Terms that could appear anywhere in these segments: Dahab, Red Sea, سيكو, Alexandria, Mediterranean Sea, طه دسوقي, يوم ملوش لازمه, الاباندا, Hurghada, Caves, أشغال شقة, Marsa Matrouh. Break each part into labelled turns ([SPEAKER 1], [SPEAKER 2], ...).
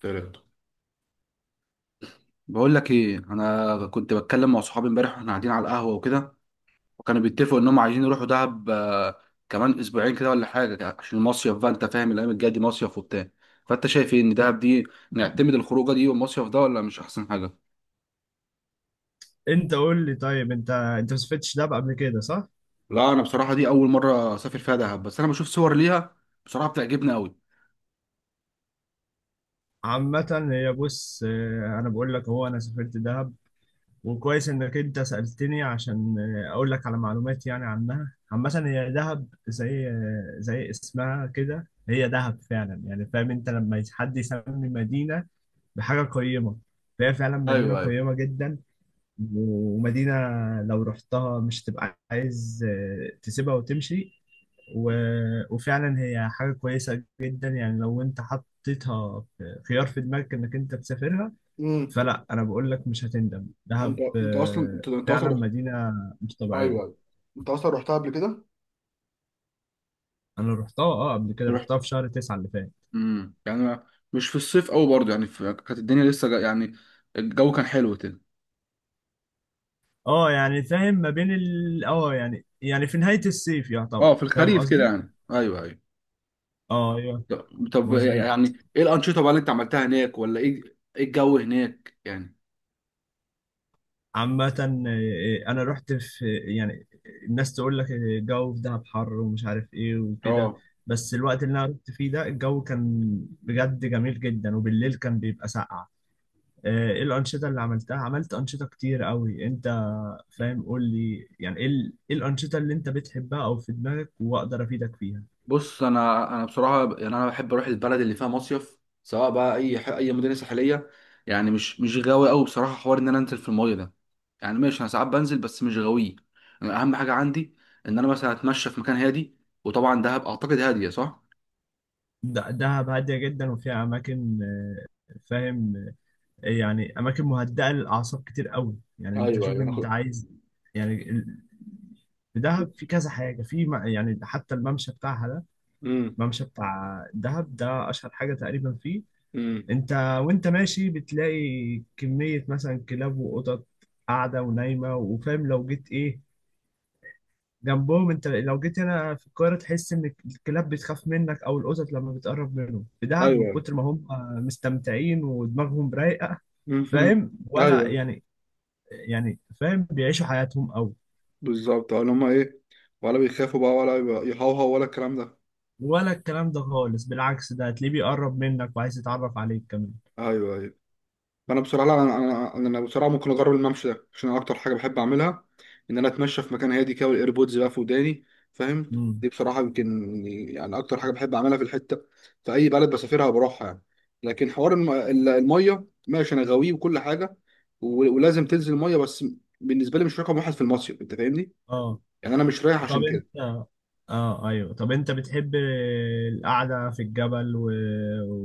[SPEAKER 1] تلاتة. بقول لك ايه، انا كنت بتكلم مع صحابي امبارح واحنا قاعدين على القهوه وكده، وكانوا بيتفقوا انهم عايزين يروحوا دهب كمان اسبوعين كده ولا حاجه، عشان المصيف بقى. انت فاهم، الايام الجايه دي مصيف وبتاع. فانت شايف ايه، ان دهب دي نعتمد الخروجه دي والمصيف ده ولا مش احسن حاجه؟
[SPEAKER 2] انت قول لي طيب، انت ما سافرتش دهب قبل كده، صح؟
[SPEAKER 1] لا، أنا بصراحة دي أول مرة أسافر فيها دهب، بس أنا بشوف صور ليها بصراحة بتعجبني أوي.
[SPEAKER 2] عامة هي بص، انا بقول لك هو انا سافرت دهب. وكويس انك انت سألتني عشان اقول لك على معلومات يعني عنها. عامة هي دهب زي اسمها كده، هي دهب فعلا. يعني فاهم انت لما حد يسمي مدينة بحاجة قيمة، فهي فعلا مدينة
[SPEAKER 1] ايوه، ايوه.
[SPEAKER 2] قيمة جدا. ومدينة لو رحتها مش تبقى عايز تسيبها وتمشي. و... وفعلا هي حاجة كويسة جدا، يعني لو انت حطيتها في خيار في دماغك انك انت تسافرها.
[SPEAKER 1] امم.
[SPEAKER 2] فلا، انا بقول لك مش هتندم،
[SPEAKER 1] انت
[SPEAKER 2] دهب
[SPEAKER 1] انت اصلا انت انت اصلا
[SPEAKER 2] فعلا
[SPEAKER 1] رحت؟
[SPEAKER 2] مدينة مش
[SPEAKER 1] ايوه،
[SPEAKER 2] طبيعية.
[SPEAKER 1] ايوه. انت اصلا رحتها قبل كده؟
[SPEAKER 2] انا رحتها، قبل كده، رحتها في شهر تسعة اللي فات.
[SPEAKER 1] يعني مش في الصيف قوي برضه، يعني كانت الدنيا لسه يعني الجو كان حلو كده.
[SPEAKER 2] اه يعني فاهم، ما بين ال اه يعني في نهاية الصيف
[SPEAKER 1] اه،
[SPEAKER 2] يعتبر،
[SPEAKER 1] في
[SPEAKER 2] فاهم
[SPEAKER 1] الخريف كده
[SPEAKER 2] قصدي.
[SPEAKER 1] يعني. ايوه، ايوه.
[SPEAKER 2] اه، ايوه،
[SPEAKER 1] طب طب،
[SPEAKER 2] مظبوط.
[SPEAKER 1] يعني ايه الانشطه بقى اللي انت عملتها هناك ولا ايه؟ ايه الجو هناك يعني؟
[SPEAKER 2] عامة أنا رحت في، يعني، الناس تقول لك الجو في دهب حر ومش عارف إيه وكده،
[SPEAKER 1] اه.
[SPEAKER 2] بس الوقت اللي أنا رحت فيه ده الجو كان بجد جميل جدا، وبالليل كان بيبقى ساقع. إيه الأنشطة اللي عملتها؟ عملت أنشطة كتير قوي. أنت فاهم، قول لي يعني إيه الأنشطة اللي أنت بتحبها أو في دماغك، وأقدر أفيدك فيها؟
[SPEAKER 1] بص، انا بصراحه يعني انا بحب اروح البلد اللي فيها مصيف، سواء بقى اي مدينه ساحليه. يعني مش غاوي قوي بصراحه حوار ان انا انزل في المايه ده. يعني ماشي، انا ساعات بنزل بس مش غاوي. اهم حاجه عندي ان انا مثلا اتمشى في مكان هادي. وطبعا دهب اعتقد هاديه، صح؟
[SPEAKER 2] دهب هادية جدا وفيها أماكن، فاهم، يعني اماكن مهدئه للاعصاب كتير قوي، يعني انت
[SPEAKER 1] ايوه،
[SPEAKER 2] شوف
[SPEAKER 1] ايوه، انا
[SPEAKER 2] انت
[SPEAKER 1] خد.
[SPEAKER 2] عايز. يعني في دهب في كذا حاجه، في يعني حتى الممشى بتاعها ده.
[SPEAKER 1] امم.
[SPEAKER 2] الممشى بتاع دهب ده اشهر حاجه تقريبا فيه.
[SPEAKER 1] امم.
[SPEAKER 2] انت وانت ماشي بتلاقي كميه مثلا كلاب وقطط قاعده ونايمه، وفاهم لو جيت ايه جنبهم. انت لو جيت هنا في القاهره تحس ان الكلاب بتخاف منك او القطط لما بتقرب منهم، في دهب من
[SPEAKER 1] ايوه.
[SPEAKER 2] كتر ما هم مستمتعين ودماغهم رايقه.
[SPEAKER 1] امم.
[SPEAKER 2] فاهم ولا
[SPEAKER 1] ايوه.
[SPEAKER 2] يعني، يعني فاهم بيعيشوا حياتهم قوي.
[SPEAKER 1] بالظبط، ولا هما ايه، ولا بيخافوا بقى ولا يهوهوا ولا الكلام ده؟
[SPEAKER 2] ولا الكلام ده خالص، بالعكس ده هتلاقيه بيقرب منك وعايز يتعرف عليك كمان.
[SPEAKER 1] ايوه، ايوه. فانا بصراحه لا، انا انا انا أنا بصراحه ممكن اجرب الممشى ده، عشان أنا اكتر حاجه بحب اعملها ان انا اتمشى في مكان هادي كده والايربودز بقى في وداني، فاهم؟
[SPEAKER 2] امم.
[SPEAKER 1] دي بصراحه يمكن يعني اكتر حاجه بحب اعملها في الحته، في اي بلد بسافرها بروحها يعني. لكن حوار الميه، ماشي، انا غاويه وكل حاجه، ولازم تنزل الميه بس. بالنسبه لي مش رقم واحد في المصيف، انت فاهمني؟
[SPEAKER 2] اه.
[SPEAKER 1] يعني انا مش رايح
[SPEAKER 2] طب
[SPEAKER 1] عشان
[SPEAKER 2] انت
[SPEAKER 1] كده.
[SPEAKER 2] اه ايوه، طب انت بتحب القعده في الجبل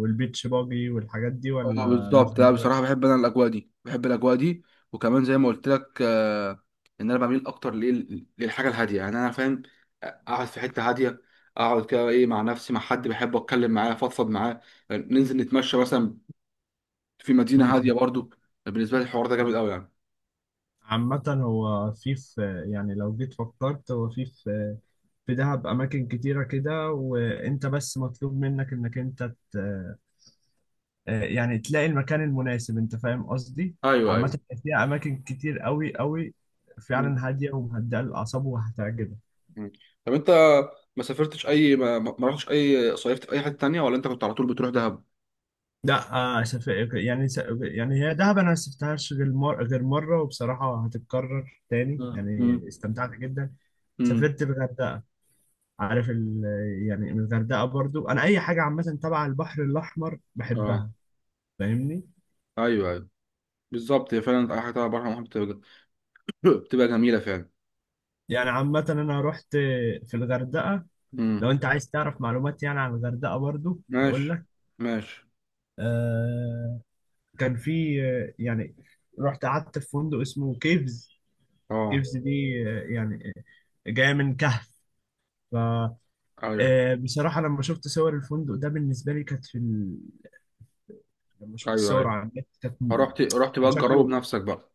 [SPEAKER 2] والبيتش باجي والحاجات دي،
[SPEAKER 1] اه،
[SPEAKER 2] ولا مش
[SPEAKER 1] بالظبط. لا، بصراحه
[SPEAKER 2] دماغك؟
[SPEAKER 1] بحب انا الاجواء دي، بحب الاجواء دي. وكمان زي ما قلت لك، ان انا بميل اكتر للحاجه الهاديه، يعني انا فاهم. اقعد في حته هاديه، اقعد كده ايه مع نفسي، مع حد بحبه اتكلم معاه افضفض معاه. ننزل نتمشى مثلا في مدينه هاديه
[SPEAKER 2] امم.
[SPEAKER 1] برضو. بالنسبه لي الحوار ده جامد قوي يعني.
[SPEAKER 2] عامة هو في يعني لو جيت فكرت، هو في دهب أماكن كتيرة كده، وأنت بس مطلوب منك إنك أنت يعني تلاقي المكان المناسب، انت فاهم قصدي.
[SPEAKER 1] ايوه، ايوه.
[SPEAKER 2] عامة فيها اماكن كتير قوي قوي،
[SPEAKER 1] مم.
[SPEAKER 2] فعلا هادية ومهدئة للاعصاب وهتعجبك.
[SPEAKER 1] مم. طب انت ما سافرتش اي ما رحتش اي، صيفت في اي حته تانية ولا انت كنت على طول بتروح دهب؟
[SPEAKER 2] لا، آه سف- يعني يعني هي دهب انا ما سافرتهاش غير غير مره، وبصراحه هتتكرر تاني
[SPEAKER 1] مم.
[SPEAKER 2] يعني
[SPEAKER 1] مم.
[SPEAKER 2] استمتعت جدا.
[SPEAKER 1] مم.
[SPEAKER 2] سافرت الغردقه، عارف يعني الغردقه برضو انا اي حاجه عامه تبع البحر الاحمر
[SPEAKER 1] اه،
[SPEAKER 2] بحبها، فاهمني.
[SPEAKER 1] ايوه، ايوه، بالظبط. هي فعلا اي حاجة على بحر محمد بتبقى بتبقى جميلة فعلا.
[SPEAKER 2] يعني عامه انا رحت في الغردقه.
[SPEAKER 1] امم.
[SPEAKER 2] لو انت عايز تعرف معلومات يعني عن الغردقه برضو هقول
[SPEAKER 1] ماشي،
[SPEAKER 2] لك.
[SPEAKER 1] ماشي.
[SPEAKER 2] آه كان في يعني رحت قعدت في فندق اسمه كيفز.
[SPEAKER 1] اه.
[SPEAKER 2] كيفز دي يعني جاية من كهف. ف
[SPEAKER 1] ايوه،
[SPEAKER 2] آه، بصراحة لما شفت صور الفندق ده بالنسبة لي كانت في لما شفت
[SPEAKER 1] ايوه.
[SPEAKER 2] صور
[SPEAKER 1] ايوه،
[SPEAKER 2] على النت كانت م-
[SPEAKER 1] رحت رحت
[SPEAKER 2] كان
[SPEAKER 1] بقى تجربه
[SPEAKER 2] شكله
[SPEAKER 1] بنفسك بقى.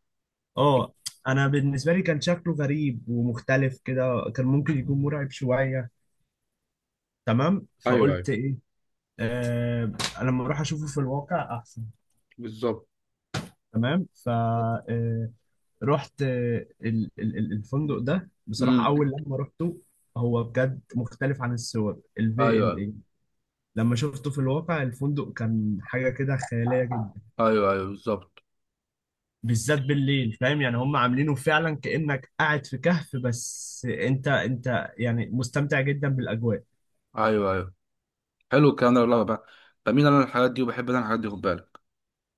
[SPEAKER 2] اه انا بالنسبة لي كان شكله غريب ومختلف كده، كان ممكن يكون مرعب شوية، تمام،
[SPEAKER 1] ايوه، ايوه،
[SPEAKER 2] فقلت ايه آه... لما اروح اشوفه في الواقع احسن.
[SPEAKER 1] بالظبط.
[SPEAKER 2] تمام ف آه، رحت الفندق ده بصراحة.
[SPEAKER 1] امم.
[SPEAKER 2] أول لما رحته، هو بجد مختلف عن الصور. الفي
[SPEAKER 1] ايوه،
[SPEAKER 2] لما شفته في الواقع الفندق كان حاجة كده خيالية جدا،
[SPEAKER 1] ايوه، ايوه، بالظبط.
[SPEAKER 2] بالذات بالليل. فاهم يعني هم عاملينه فعلا كأنك قاعد في كهف، بس أنت يعني مستمتع جدا بالأجواء.
[SPEAKER 1] ايوه، ايوه. حلو الكلام ده والله بقى. بميل انا الحاجات دي وبحب انا الحاجات دي، خد بالك.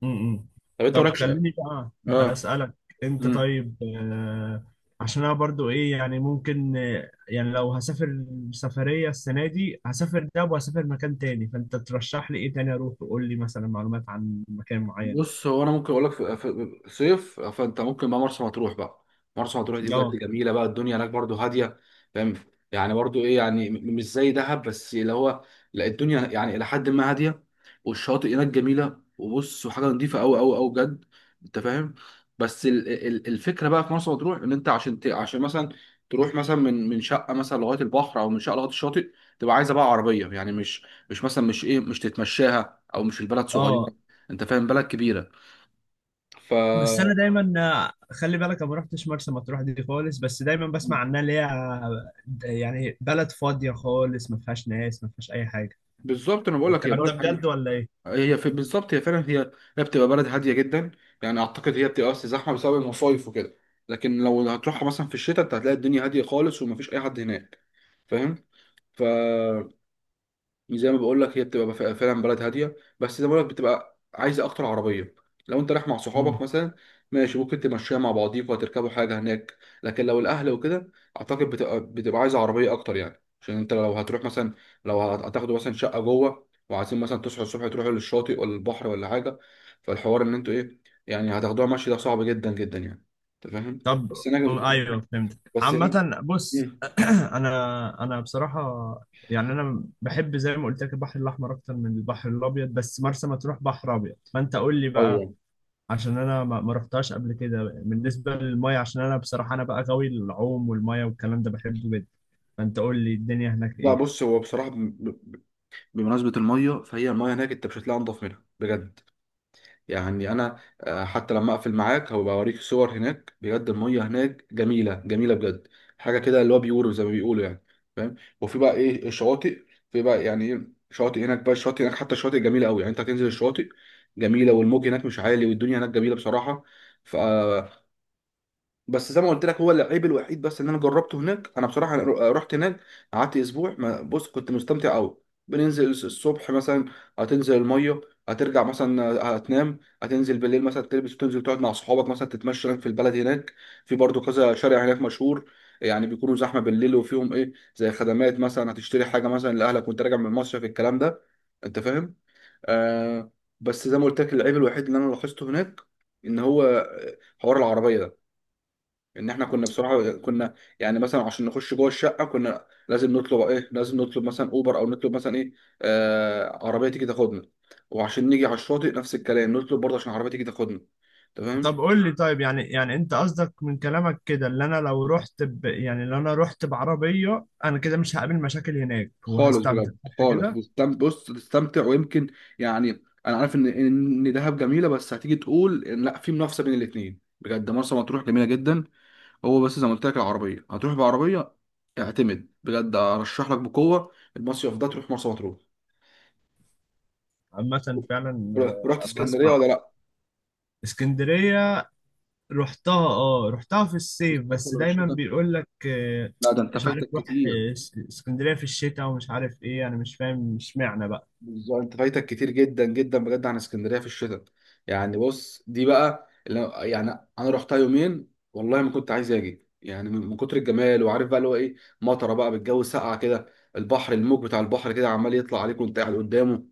[SPEAKER 2] امم
[SPEAKER 1] طب انت
[SPEAKER 2] طب
[SPEAKER 1] مالكش.
[SPEAKER 2] خليني بقى
[SPEAKER 1] اه.
[SPEAKER 2] اسالك، انت
[SPEAKER 1] امم.
[SPEAKER 2] طيب، عشان انا برضو ايه يعني ممكن يعني لو هسافر سفريه السنه دي، هسافر ده وهسافر مكان تاني، فانت ترشح لي ايه تاني اروح، وقول لي مثلا معلومات عن مكان معين.
[SPEAKER 1] بص، هو انا ممكن اقول لك في صيف، فانت ممكن بقى مرسى مطروح بقى. مرسى مطروح دي بجد
[SPEAKER 2] اه،
[SPEAKER 1] جميله بقى، الدنيا هناك برضو هاديه، فاهم؟ يعني برضو ايه يعني، مش زي دهب، بس اللي هو، لا، الدنيا يعني الى حد ما هاديه، والشاطئ هناك جميله، وبص، وحاجه نظيفه قوي قوي قوي بجد، انت فاهم. بس الفكره بقى في مرسى مطروح ان انت عشان عشان مثلا تروح مثلا من شقه مثلا لغايه البحر، او من شقه لغايه الشاطئ، تبقى عايزه بقى عربيه. يعني مش مثلا، مش ايه، مش تتمشاها، او مش البلد صغيره،
[SPEAKER 2] اه.
[SPEAKER 1] انت فاهم، بلد كبيره. ف
[SPEAKER 2] بس انا دايما خلي بالك انا ما رحتش مرسى مطروح دي خالص، بس دايما بسمع عنها اللي هي يعني بلد فاضيه خالص، ما فيهاش ناس، ما فيهاش اي حاجه.
[SPEAKER 1] بالظبط انا بقول لك هي
[SPEAKER 2] والكلام ده
[SPEAKER 1] بلد هاديه.
[SPEAKER 2] بجد ولا ايه؟
[SPEAKER 1] هي في بالظبط هي فعلا هي، هي بتبقى بلد هاديه جدا. يعني اعتقد هي بتبقى بس زحمه بسبب المصايف وكده، لكن لو هتروحها مثلا في الشتاء انت هتلاقي الدنيا هاديه خالص ومفيش اي حد هناك، فاهم؟ ف زي ما بقول لك هي بتبقى فعلا بلد هاديه، بس زي ما بقول لك بتبقى عايزه اكتر عربيه. لو انت رايح مع صحابك مثلا ماشي، ممكن تمشيها مع بعضيكوا وتركبوا حاجه هناك، لكن لو الاهل وكده اعتقد بتبقى عايزه عربيه اكتر، يعني عشان انت لو هتروح مثلا، لو هتاخدوا مثلا شقه جوه، وعايزين مثلا تصحوا الصبح تروحوا للشاطئ ولا البحر ولا حاجه، فالحوار ان انتوا ايه، يعني هتاخدوها مشي، ده صعب جدا جدا يعني، انت فاهم.
[SPEAKER 2] طب
[SPEAKER 1] بس هناك
[SPEAKER 2] ايوه، فهمت.
[SPEAKER 1] بس هناك
[SPEAKER 2] عامة بص،
[SPEAKER 1] مم.
[SPEAKER 2] انا بصراحة، يعني انا بحب زي ما قلت لك البحر الاحمر اكتر من البحر الابيض، بس مرسى مطروح بحر ابيض، فانت قول لي بقى،
[SPEAKER 1] ايوه.
[SPEAKER 2] عشان انا ما رحتهاش قبل كده. بالنسبة للمية، عشان انا بصراحة انا بقى غاوي العوم والمية والكلام ده بحبه جدا، فانت قول لي الدنيا هناك
[SPEAKER 1] لا،
[SPEAKER 2] ايه.
[SPEAKER 1] بص، هو بصراحه بمناسبة المية، فهي المية هناك أنت مش هتلاقي أنضف منها بجد. يعني أنا حتى لما أقفل معاك هبقى أوريك صور هناك بجد، المية هناك جميلة جميلة بجد، حاجة كده اللي هو بيقولوا زي ما بيقولوا يعني، فاهم؟ وفي بقى إيه الشواطئ، في بقى يعني إيه شواطئ هناك بقى، الشواطئ هناك، حتى الشواطئ جميلة أوي يعني، أنت هتنزل الشواطئ جميلة، والموج هناك مش عالي، والدنيا هناك جميلة بصراحة. ف بس زي ما قلت لك هو العيب الوحيد بس ان انا جربته هناك انا بصراحه. رحت هناك، قعدت اسبوع، ما بص كنت مستمتع قوي. بننزل الصبح مثلا، هتنزل الميه، هترجع مثلا، هتنام، هتنزل بالليل مثلا تلبس وتنزل تقعد مع صحابك، مثلا تتمشى هناك في البلد هناك. في برضو كذا شارع هناك مشهور، يعني بيكونوا زحمه بالليل وفيهم ايه زي خدمات، مثلا هتشتري حاجه مثلا لاهلك وانت راجع من مصر في الكلام ده، انت فاهم. آه بس زي ما قلت لك العيب الوحيد اللي انا لاحظته هناك ان هو، حوار العربيه ده. ان احنا كنا بصراحه كنا، يعني مثلا عشان نخش جوه الشقه كنا لازم نطلب ايه، لازم نطلب مثلا اوبر او نطلب مثلا ايه، عربيه تيجي تاخدنا، وعشان نيجي على الشاطئ نفس الكلام، نطلب برضه عشان عربيه تيجي تاخدنا. تمام.
[SPEAKER 2] طب قول لي طيب، يعني انت قصدك من كلامك كده، اللي انا لو رحت يعني لو انا رحت بعربية، انا كده مش هقابل مشاكل هناك
[SPEAKER 1] خالص
[SPEAKER 2] وهستمتع،
[SPEAKER 1] بجد
[SPEAKER 2] صح
[SPEAKER 1] خالص
[SPEAKER 2] كده؟
[SPEAKER 1] بص تستمتع ويمكن، يعني انا عارف ان دهب جميله، بس هتيجي تقول إن لا، في منافسه بين الاثنين، بجد مرسى مطروح جميله جدا. هو بس زي ما قلت لك، العربيه هتروح بعربيه. اعتمد بجد، ارشح لك بقوه المصيف ده، تروح مرسى مطروح.
[SPEAKER 2] عامة فعلا،
[SPEAKER 1] رحت
[SPEAKER 2] أما
[SPEAKER 1] اسكندريه
[SPEAKER 2] أسمع.
[SPEAKER 1] ولا لا؟
[SPEAKER 2] اسكندرية رحتها في الصيف،
[SPEAKER 1] السفر
[SPEAKER 2] بس دايما
[SPEAKER 1] والشتاء،
[SPEAKER 2] بيقول لك
[SPEAKER 1] لا، ده انت
[SPEAKER 2] مش عارف،
[SPEAKER 1] فايتك
[SPEAKER 2] روح
[SPEAKER 1] كتير.
[SPEAKER 2] اسكندرية في الشتاء، ومش عارف ايه، أنا مش فاهم اشمعنى بقى.
[SPEAKER 1] بالظبط، انت فايتك كتير جدا جدا بجد عن اسكندريه في الشتاء. يعني بص دي بقى اللي يعني، انا رحتها يومين والله ما كنت عايز اجي، يعني من كتر الجمال. وعارف بقى اللي هو ايه، مطره بقى بالجو، ساقعه كده، البحر، الموج بتاع البحر كده عمال يطلع عليك وانت قاعد قدامه،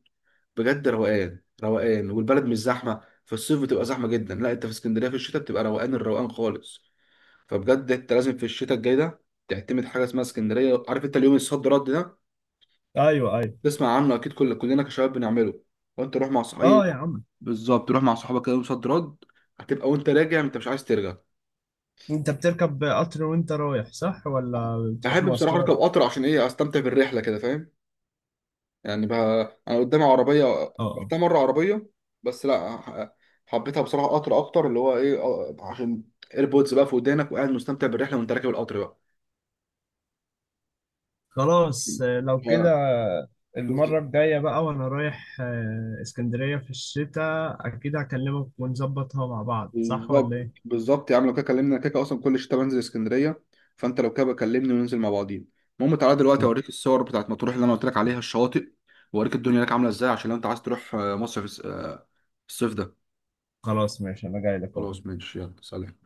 [SPEAKER 1] بجد روقان روقان، والبلد مش زحمه. في الصيف بتبقى زحمه جدا، لا، انت في اسكندريه في الشتاء بتبقى روقان الروقان خالص. فبجد انت لازم في الشتاء الجاي ده تعتمد حاجه اسمها اسكندريه. عارف انت اليوم الصد رد ده،
[SPEAKER 2] ايوه، ايوه.
[SPEAKER 1] تسمع عنه اكيد، كل كلنا كشباب بنعمله. وانت روح مع
[SPEAKER 2] اه
[SPEAKER 1] صحابي،
[SPEAKER 2] يا عم،
[SPEAKER 1] بالظبط تروح مع صحابك كده يوم صد رد، هتبقى وانت راجع انت مش عايز ترجع.
[SPEAKER 2] انت بتركب قطر وانت رايح صح، ولا بتروح
[SPEAKER 1] بحب بصراحه اركب
[SPEAKER 2] مواصلات؟
[SPEAKER 1] قطر عشان ايه، استمتع بالرحله كده، فاهم؟ يعني بقى انا قدامي عربيه،
[SPEAKER 2] اه، اه.
[SPEAKER 1] رحتها مره عربيه، بس لا حبيتها بصراحه قطر اكتر، اللي هو ايه، عشان ايربودز بقى في ودانك وقاعد مستمتع بالرحله وانت راكب القطر بقى.
[SPEAKER 2] خلاص لو كده،
[SPEAKER 1] ف-
[SPEAKER 2] المرة الجاية بقى وأنا رايح اسكندرية في الشتاء أكيد هكلمك ونظبطها مع بعض، صح ولا
[SPEAKER 1] بالظبط.
[SPEAKER 2] إيه؟
[SPEAKER 1] بالظبط يا عم، لو كده كلمني، انا كده اصلا كل شتاء بنزل اسكندريه، فانت لو كده بكلمني وننزل مع بعضين. المهم، تعالى دلوقتي اوريك الصور بتاعت مطروح اللي انا قلت لك عليها الشواطئ، واوريك الدنيا هناك عامله ازاي، عشان لو انت عايز تروح مصر في الصيف ده.
[SPEAKER 2] خلاص ماشي، أنا جاي لك أهو.
[SPEAKER 1] خلاص ماشي، يلا سلام.